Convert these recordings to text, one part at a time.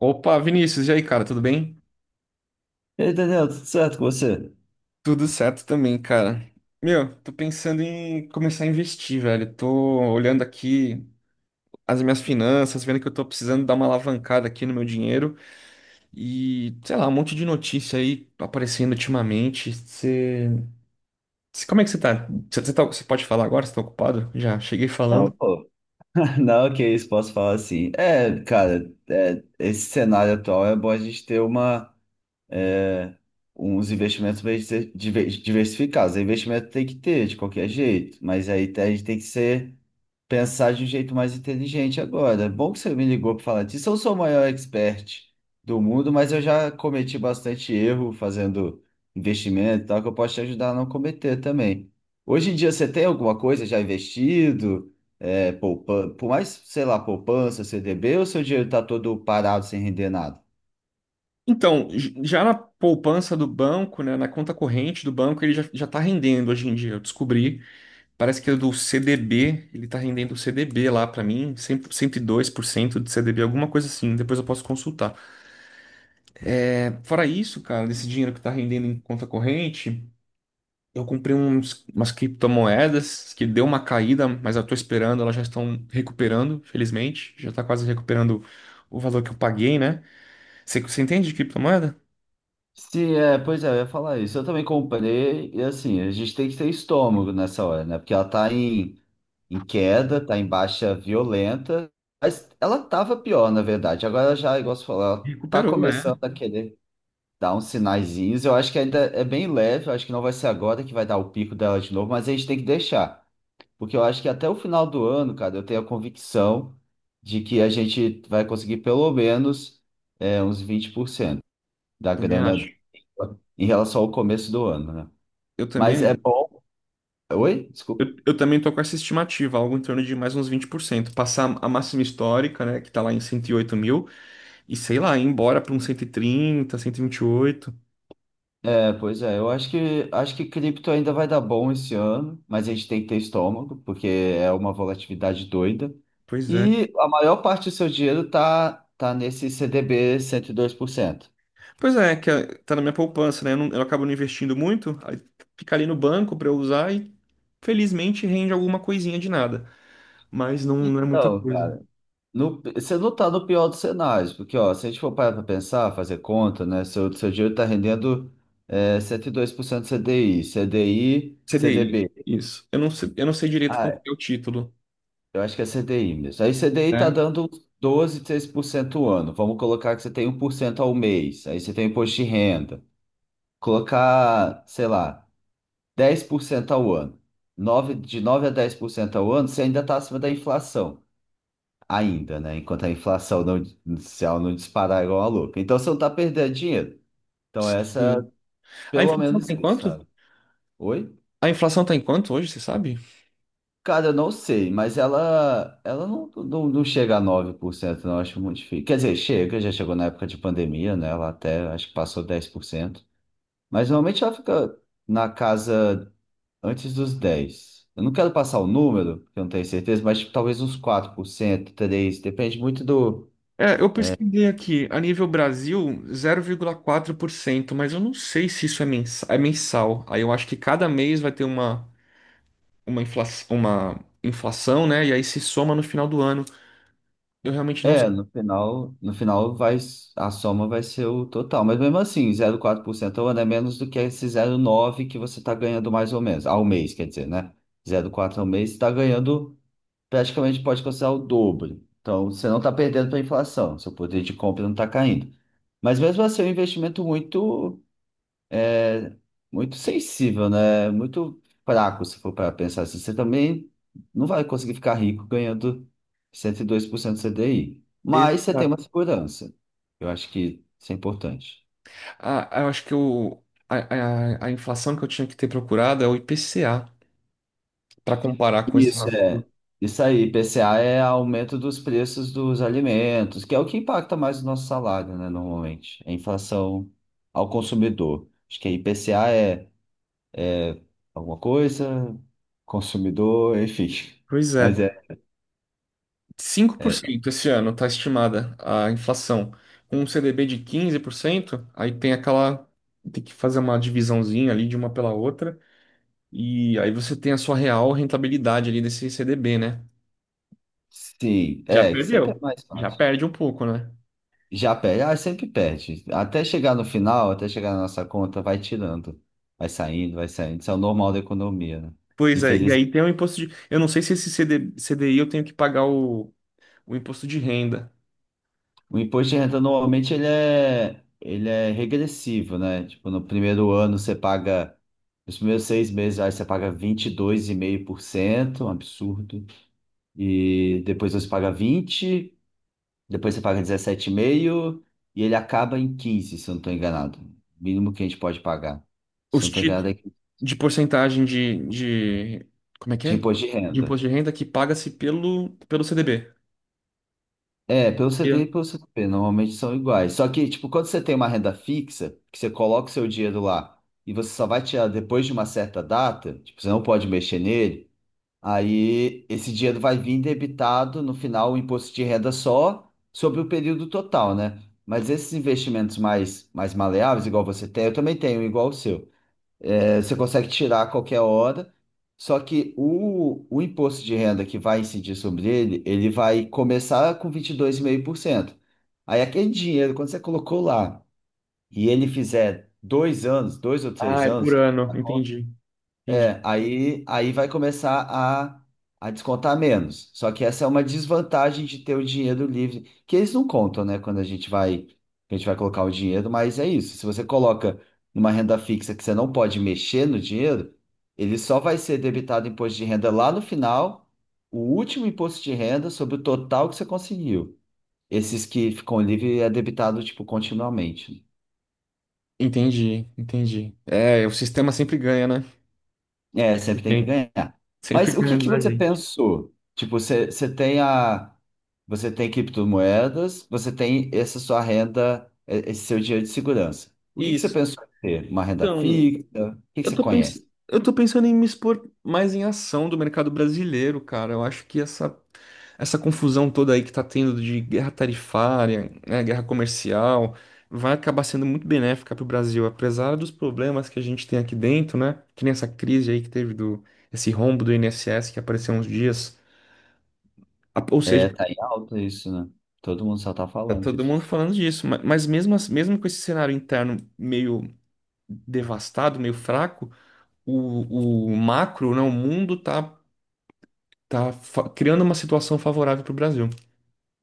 Opa, Vinícius, e aí, cara, tudo bem? Entendeu, tudo certo com você? Tudo certo também, cara. Meu, tô pensando em começar a investir, velho. Tô olhando aqui as minhas finanças, vendo que eu tô precisando dar uma alavancada aqui no meu dinheiro e, sei lá, um monte de notícia aí aparecendo ultimamente. Você, como é que você tá? Você pode falar agora? Você tá ocupado? Já cheguei Não, falando. pô. Não, que isso, posso falar assim. É, cara, esse cenário atual é bom a gente ter uma, é, uns investimentos bem diversificados. O investimento tem que ter, de qualquer jeito, mas aí a gente tem que ser pensar de um jeito mais inteligente agora. É bom que você me ligou para falar disso. Eu sou o maior expert do mundo, mas eu já cometi bastante erro fazendo investimento e tal, que eu posso te ajudar a não cometer também. Hoje em dia você tem alguma coisa já investido? É, por mais, sei lá, poupança, CDB, ou seu dinheiro está todo parado sem render nada? Então, já na poupança do banco, né, na conta corrente do banco, ele já tá rendendo hoje em dia. Eu descobri. Parece que é do CDB, ele tá rendendo CDB lá pra mim, 100, 102% de CDB, alguma coisa assim, depois eu posso consultar. É, fora isso, cara, desse dinheiro que tá rendendo em conta corrente, eu comprei umas criptomoedas que deu uma caída, mas eu tô esperando, elas já estão recuperando, felizmente, já tá quase recuperando o valor que eu paguei, né? Você entende de criptomoeda? Sim, é, pois é, eu ia falar isso. Eu também comprei, e assim, a gente tem que ter estômago nessa hora, né? Porque ela tá em queda, tá em baixa violenta, mas ela tava pior, na verdade. Agora já, igual você falou, ela tá Recuperou, é. começando a querer dar uns sinaizinhos. Eu acho que ainda é bem leve, eu acho que não vai ser agora que vai dar o pico dela de novo, mas a gente tem que deixar. Porque eu acho que até o final do ano, cara, eu tenho a convicção de que a gente vai conseguir pelo menos uns 20% da Também acho. grana em relação ao começo do ano, né? Eu Mas também. é bom. Oi? Eu, Desculpa. eu também tô com essa estimativa, algo em torno de mais uns 20%. Passar a máxima histórica, né, que está lá em 108 mil, e sei lá, ir embora para uns 130, 128, É, pois é, eu acho que cripto ainda vai dar bom esse ano, mas a gente tem que ter estômago, porque é uma volatilidade doida. Pois é. E a maior parte do seu dinheiro tá nesse CDB 102%. Pois é, que tá na minha poupança, né? Eu acabo não investindo muito, aí fica ali no banco para eu usar e felizmente rende alguma coisinha de nada, mas não, não é muita Então, coisa. cara, você não tá no pior dos cenários, porque ó, se a gente for parar para pensar, fazer conta, né? Seu dinheiro tá rendendo 102% CDI, CDI, CDI, CDB. isso. Eu não sei direito qual que é o título. Eu acho que é CDI mesmo. Aí CDI tá É. dando uns 12, 13% ao ano. Vamos colocar que você tem 1% ao mês. Aí você tem imposto de renda. Colocar, sei lá, 10% ao ano. 9 de 9 a 10% ao ano, você ainda está acima da inflação. Ainda, né? Enquanto a inflação não, se ela não disparar igual a louca. Então você não está perdendo dinheiro. Então essa, Sim. é A pelo inflação menos tá em isso, quanto? sabe? Oi? A inflação tá em quanto hoje, você sabe? Cara, eu não sei, mas ela não chega a 9% não, acho muito difícil. Quer dizer, chega, já chegou na época de pandemia, né? Ela até, acho que passou 10%. Mas normalmente ela fica na casa antes dos 10%. Eu não quero passar o número, que eu não tenho certeza, mas tipo, talvez uns 4%, 3%, depende muito do. É, eu pesquisei aqui, a nível Brasil, 0,4%, mas eu não sei se isso é mensal, é mensal. Aí eu acho que cada mês vai ter uma inflação, né? E aí se soma no final do ano. Eu realmente não sei. É, no final, vai, a soma vai ser o total. Mas mesmo assim, 0,4% ao ano é menos do que esse 0,9 que você está ganhando mais ou menos, ao mês, quer dizer, né? 0,4 ao mês, você está ganhando praticamente pode considerar o dobro. Então, você não está perdendo para a inflação, seu poder de compra não está caindo. Mas mesmo assim, é um investimento muito muito sensível, né? Muito fraco, se for para pensar assim. Você também não vai conseguir ficar rico ganhando 102% CDI, mas você tem uma Exato. segurança. Eu acho que isso é importante. Ah, eu acho que a inflação que eu tinha que ter procurado é o IPCA, para comparar com esse. Isso. É, isso aí, IPCA é aumento dos preços dos alimentos, que é o que impacta mais o nosso salário, né, normalmente. É inflação ao consumidor. Acho que IPCA é alguma coisa, consumidor, enfim. Pois é. Mas é. cinco por é cento esse ano está estimada a inflação. Com um CDB de 15% aí tem aquela. Tem que fazer uma divisãozinha ali de uma pela outra. E aí você tem a sua real rentabilidade ali desse CDB, né? Sim, Já que sempre é perdeu. mais Já fácil. perde um pouco, né? Já perde, ah, sempre perde. Até chegar no final, até chegar na nossa conta, vai tirando. Vai saindo, vai saindo. Isso é o normal da economia, né? Pois é. E Infeliz... aí tem o imposto de. Eu não sei se esse CDI eu tenho que pagar o imposto de renda. O imposto de renda normalmente ele é regressivo, né? Tipo, no primeiro ano você paga, nos primeiros 6 meses aí você paga 22,5%, um absurdo. E depois você paga 20. Depois você paga 17,5 e meio e ele acaba em 15, se eu não estou enganado. Mínimo que a gente pode pagar. Se eu Os não estou enganado, é títulos 15 de porcentagem de. Como é que de é? imposto de De renda. imposto de renda que paga-se pelo CDB. É, pelo CDI e pelo CDP, normalmente são iguais. Só que, tipo, quando você tem uma renda fixa, que você coloca o seu dinheiro lá e você só vai tirar depois de uma certa data, tipo, você não pode mexer nele, aí esse dinheiro vai vir debitado no final o imposto de renda só sobre o período total, né? Mas esses investimentos mais maleáveis, igual você tem, eu também tenho, igual o seu. É, você consegue tirar a qualquer hora, só que o imposto de renda que vai incidir sobre ele, ele vai começar com 22,5%. Aí aquele dinheiro, quando você colocou lá, e ele fizer 2 anos, dois ou Ah, três é por anos, ano. Entendi. Entendi. é, aí vai começar a descontar menos. Só que essa é uma desvantagem de ter o dinheiro livre, que eles não contam, né, quando a gente vai, que a gente vai colocar o dinheiro, mas é isso. Se você coloca numa renda fixa que você não pode mexer no dinheiro, ele só vai ser debitado imposto de renda lá no final, o último imposto de renda sobre o total que você conseguiu. Esses que ficam livres é debitado, tipo, continuamente, né? Entendi, entendi. É, o sistema sempre ganha, né? É, sempre tem que Entendi. ganhar. Sempre Mas o que ganha que da você gente. pensou? Tipo, você tem a. Você tem criptomoedas, você tem essa sua renda, esse seu dinheiro de segurança. O que que você Isso. pensou em ter? Uma renda Então, fixa? O que que eu você tô pens... conhece? eu tô pensando em me expor mais em ação do mercado brasileiro, cara. Eu acho que essa confusão toda aí que tá tendo de guerra tarifária, né, guerra comercial, vai acabar sendo muito benéfica pro Brasil, apesar dos problemas que a gente tem aqui dentro, né? Que nem essa crise aí que teve do esse rombo do INSS que apareceu uns dias. Ou É, seja, tá em alta isso, né? Todo mundo só tá tá falando todo disso. mundo falando disso, mas mesmo, mesmo com esse cenário interno meio devastado, meio fraco, o macro, né, o mundo tá criando uma situação favorável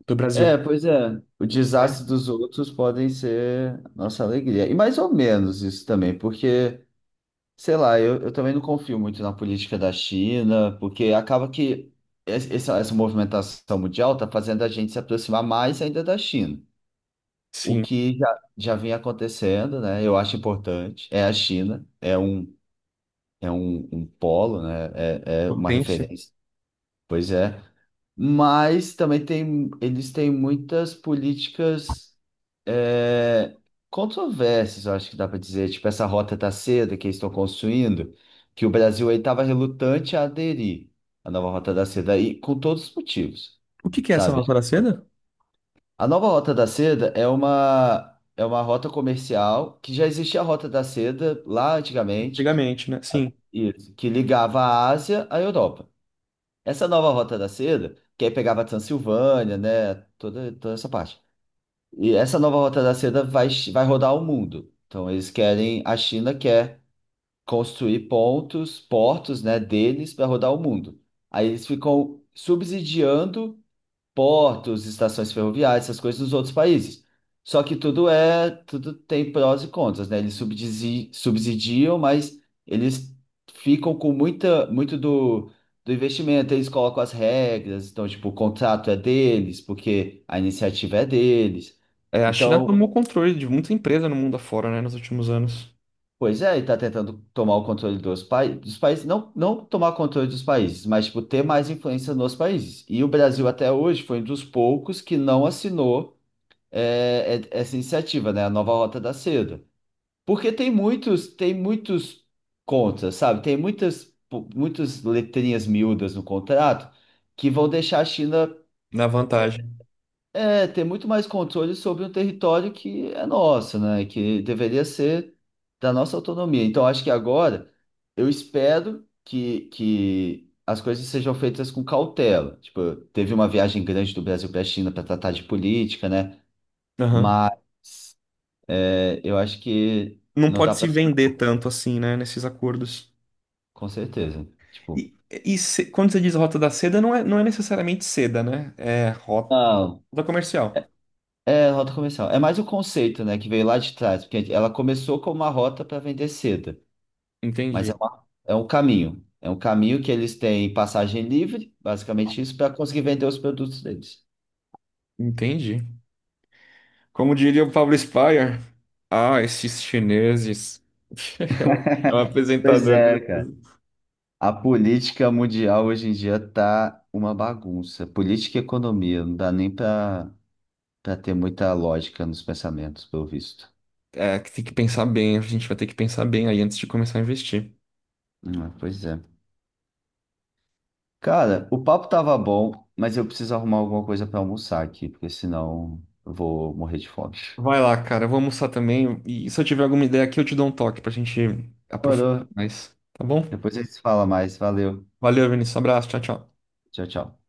para o Brasil, É, pois é. O né? desastre dos outros podem ser nossa alegria. E mais ou menos isso também, porque sei lá, eu também não confio muito na política da China, porque acaba que essa movimentação mundial está fazendo a gente se aproximar mais ainda da China, o Sim, que já vinha acontecendo, né? Eu acho importante. É a China, é um polo, né? É uma potência. referência. Pois é. Mas também tem, eles têm muitas políticas é, controversas, eu acho que dá para dizer. Tipo, essa Rota da Seda que eles estão construindo, que o Brasil aí estava relutante a aderir à nova Rota da Seda, e com todos os motivos, O que que é essa sabe? mafra da seda? A nova Rota da Seda é uma rota comercial que já existia a Rota da Seda lá antigamente, Antigamente, né? sabe? Sim. Isso, que ligava a Ásia à Europa. Essa nova Rota da Seda, que aí pegava a Transilvânia, né? Toda, toda essa parte. E essa nova Rota da Seda vai, vai rodar o mundo. Então eles querem, a China quer construir pontos, portos, né, deles para rodar o mundo. Aí eles ficam subsidiando portos, estações ferroviárias, essas coisas dos outros países. Só que tudo é, tudo tem prós e contras, né? Eles subsidiam, mas eles ficam com muita, muito do investimento, eles colocam as regras, então, tipo, o contrato é deles, porque a iniciativa é deles. É, a China Então, tomou controle de muita empresa no mundo afora, né, nos últimos anos, pois é, ele está tentando tomar o controle dos, pa dos países, não, não tomar o controle dos países, mas, tipo, ter mais influência nos países. E o Brasil, até hoje, foi um dos poucos que não assinou essa iniciativa, né? A nova Rota da Seda. Porque tem muitos contras, sabe? Tem muitas letrinhas miúdas no contrato que vão deixar a China na vantagem. Ter muito mais controle sobre um território que é nosso, né? Que deveria ser da nossa autonomia. Então, acho que agora eu espero que as coisas sejam feitas com cautela. Tipo, teve uma viagem grande do Brasil para a China para tratar de política, né? Aham. Mas é, eu acho que Não não dá pode se pra. vender tanto assim, né, nesses acordos. Com certeza. Tipo, Quando você diz Rota da Seda, não é necessariamente seda, né? É rota não. comercial. É, rota comercial. É mais o conceito, né, que veio lá de trás, porque ela começou como uma rota para vender seda, mas é, Entendi. É um caminho. É um caminho que eles têm passagem livre, basicamente isso, para conseguir vender os produtos deles. Entendi. Como diria o Pablo Spyer, ah, esses chineses. É o Pois apresentador é, cara. do... A política mundial hoje em dia tá uma bagunça. Política e economia, não dá nem para ter muita lógica nos pensamentos, pelo visto. É, que tem que pensar bem, a gente vai ter que pensar bem aí antes de começar a investir. Pois é. Cara, o papo tava bom, mas eu preciso arrumar alguma coisa pra almoçar aqui, porque senão eu vou morrer de fome. Vai lá, cara, eu vou almoçar também. E se eu tiver alguma ideia aqui, eu te dou um toque pra gente aprofundar Demorou. mais, tá bom? Depois a gente se fala mais. Valeu. Valeu, Vinícius. Abraço, tchau, tchau. Tchau, tchau.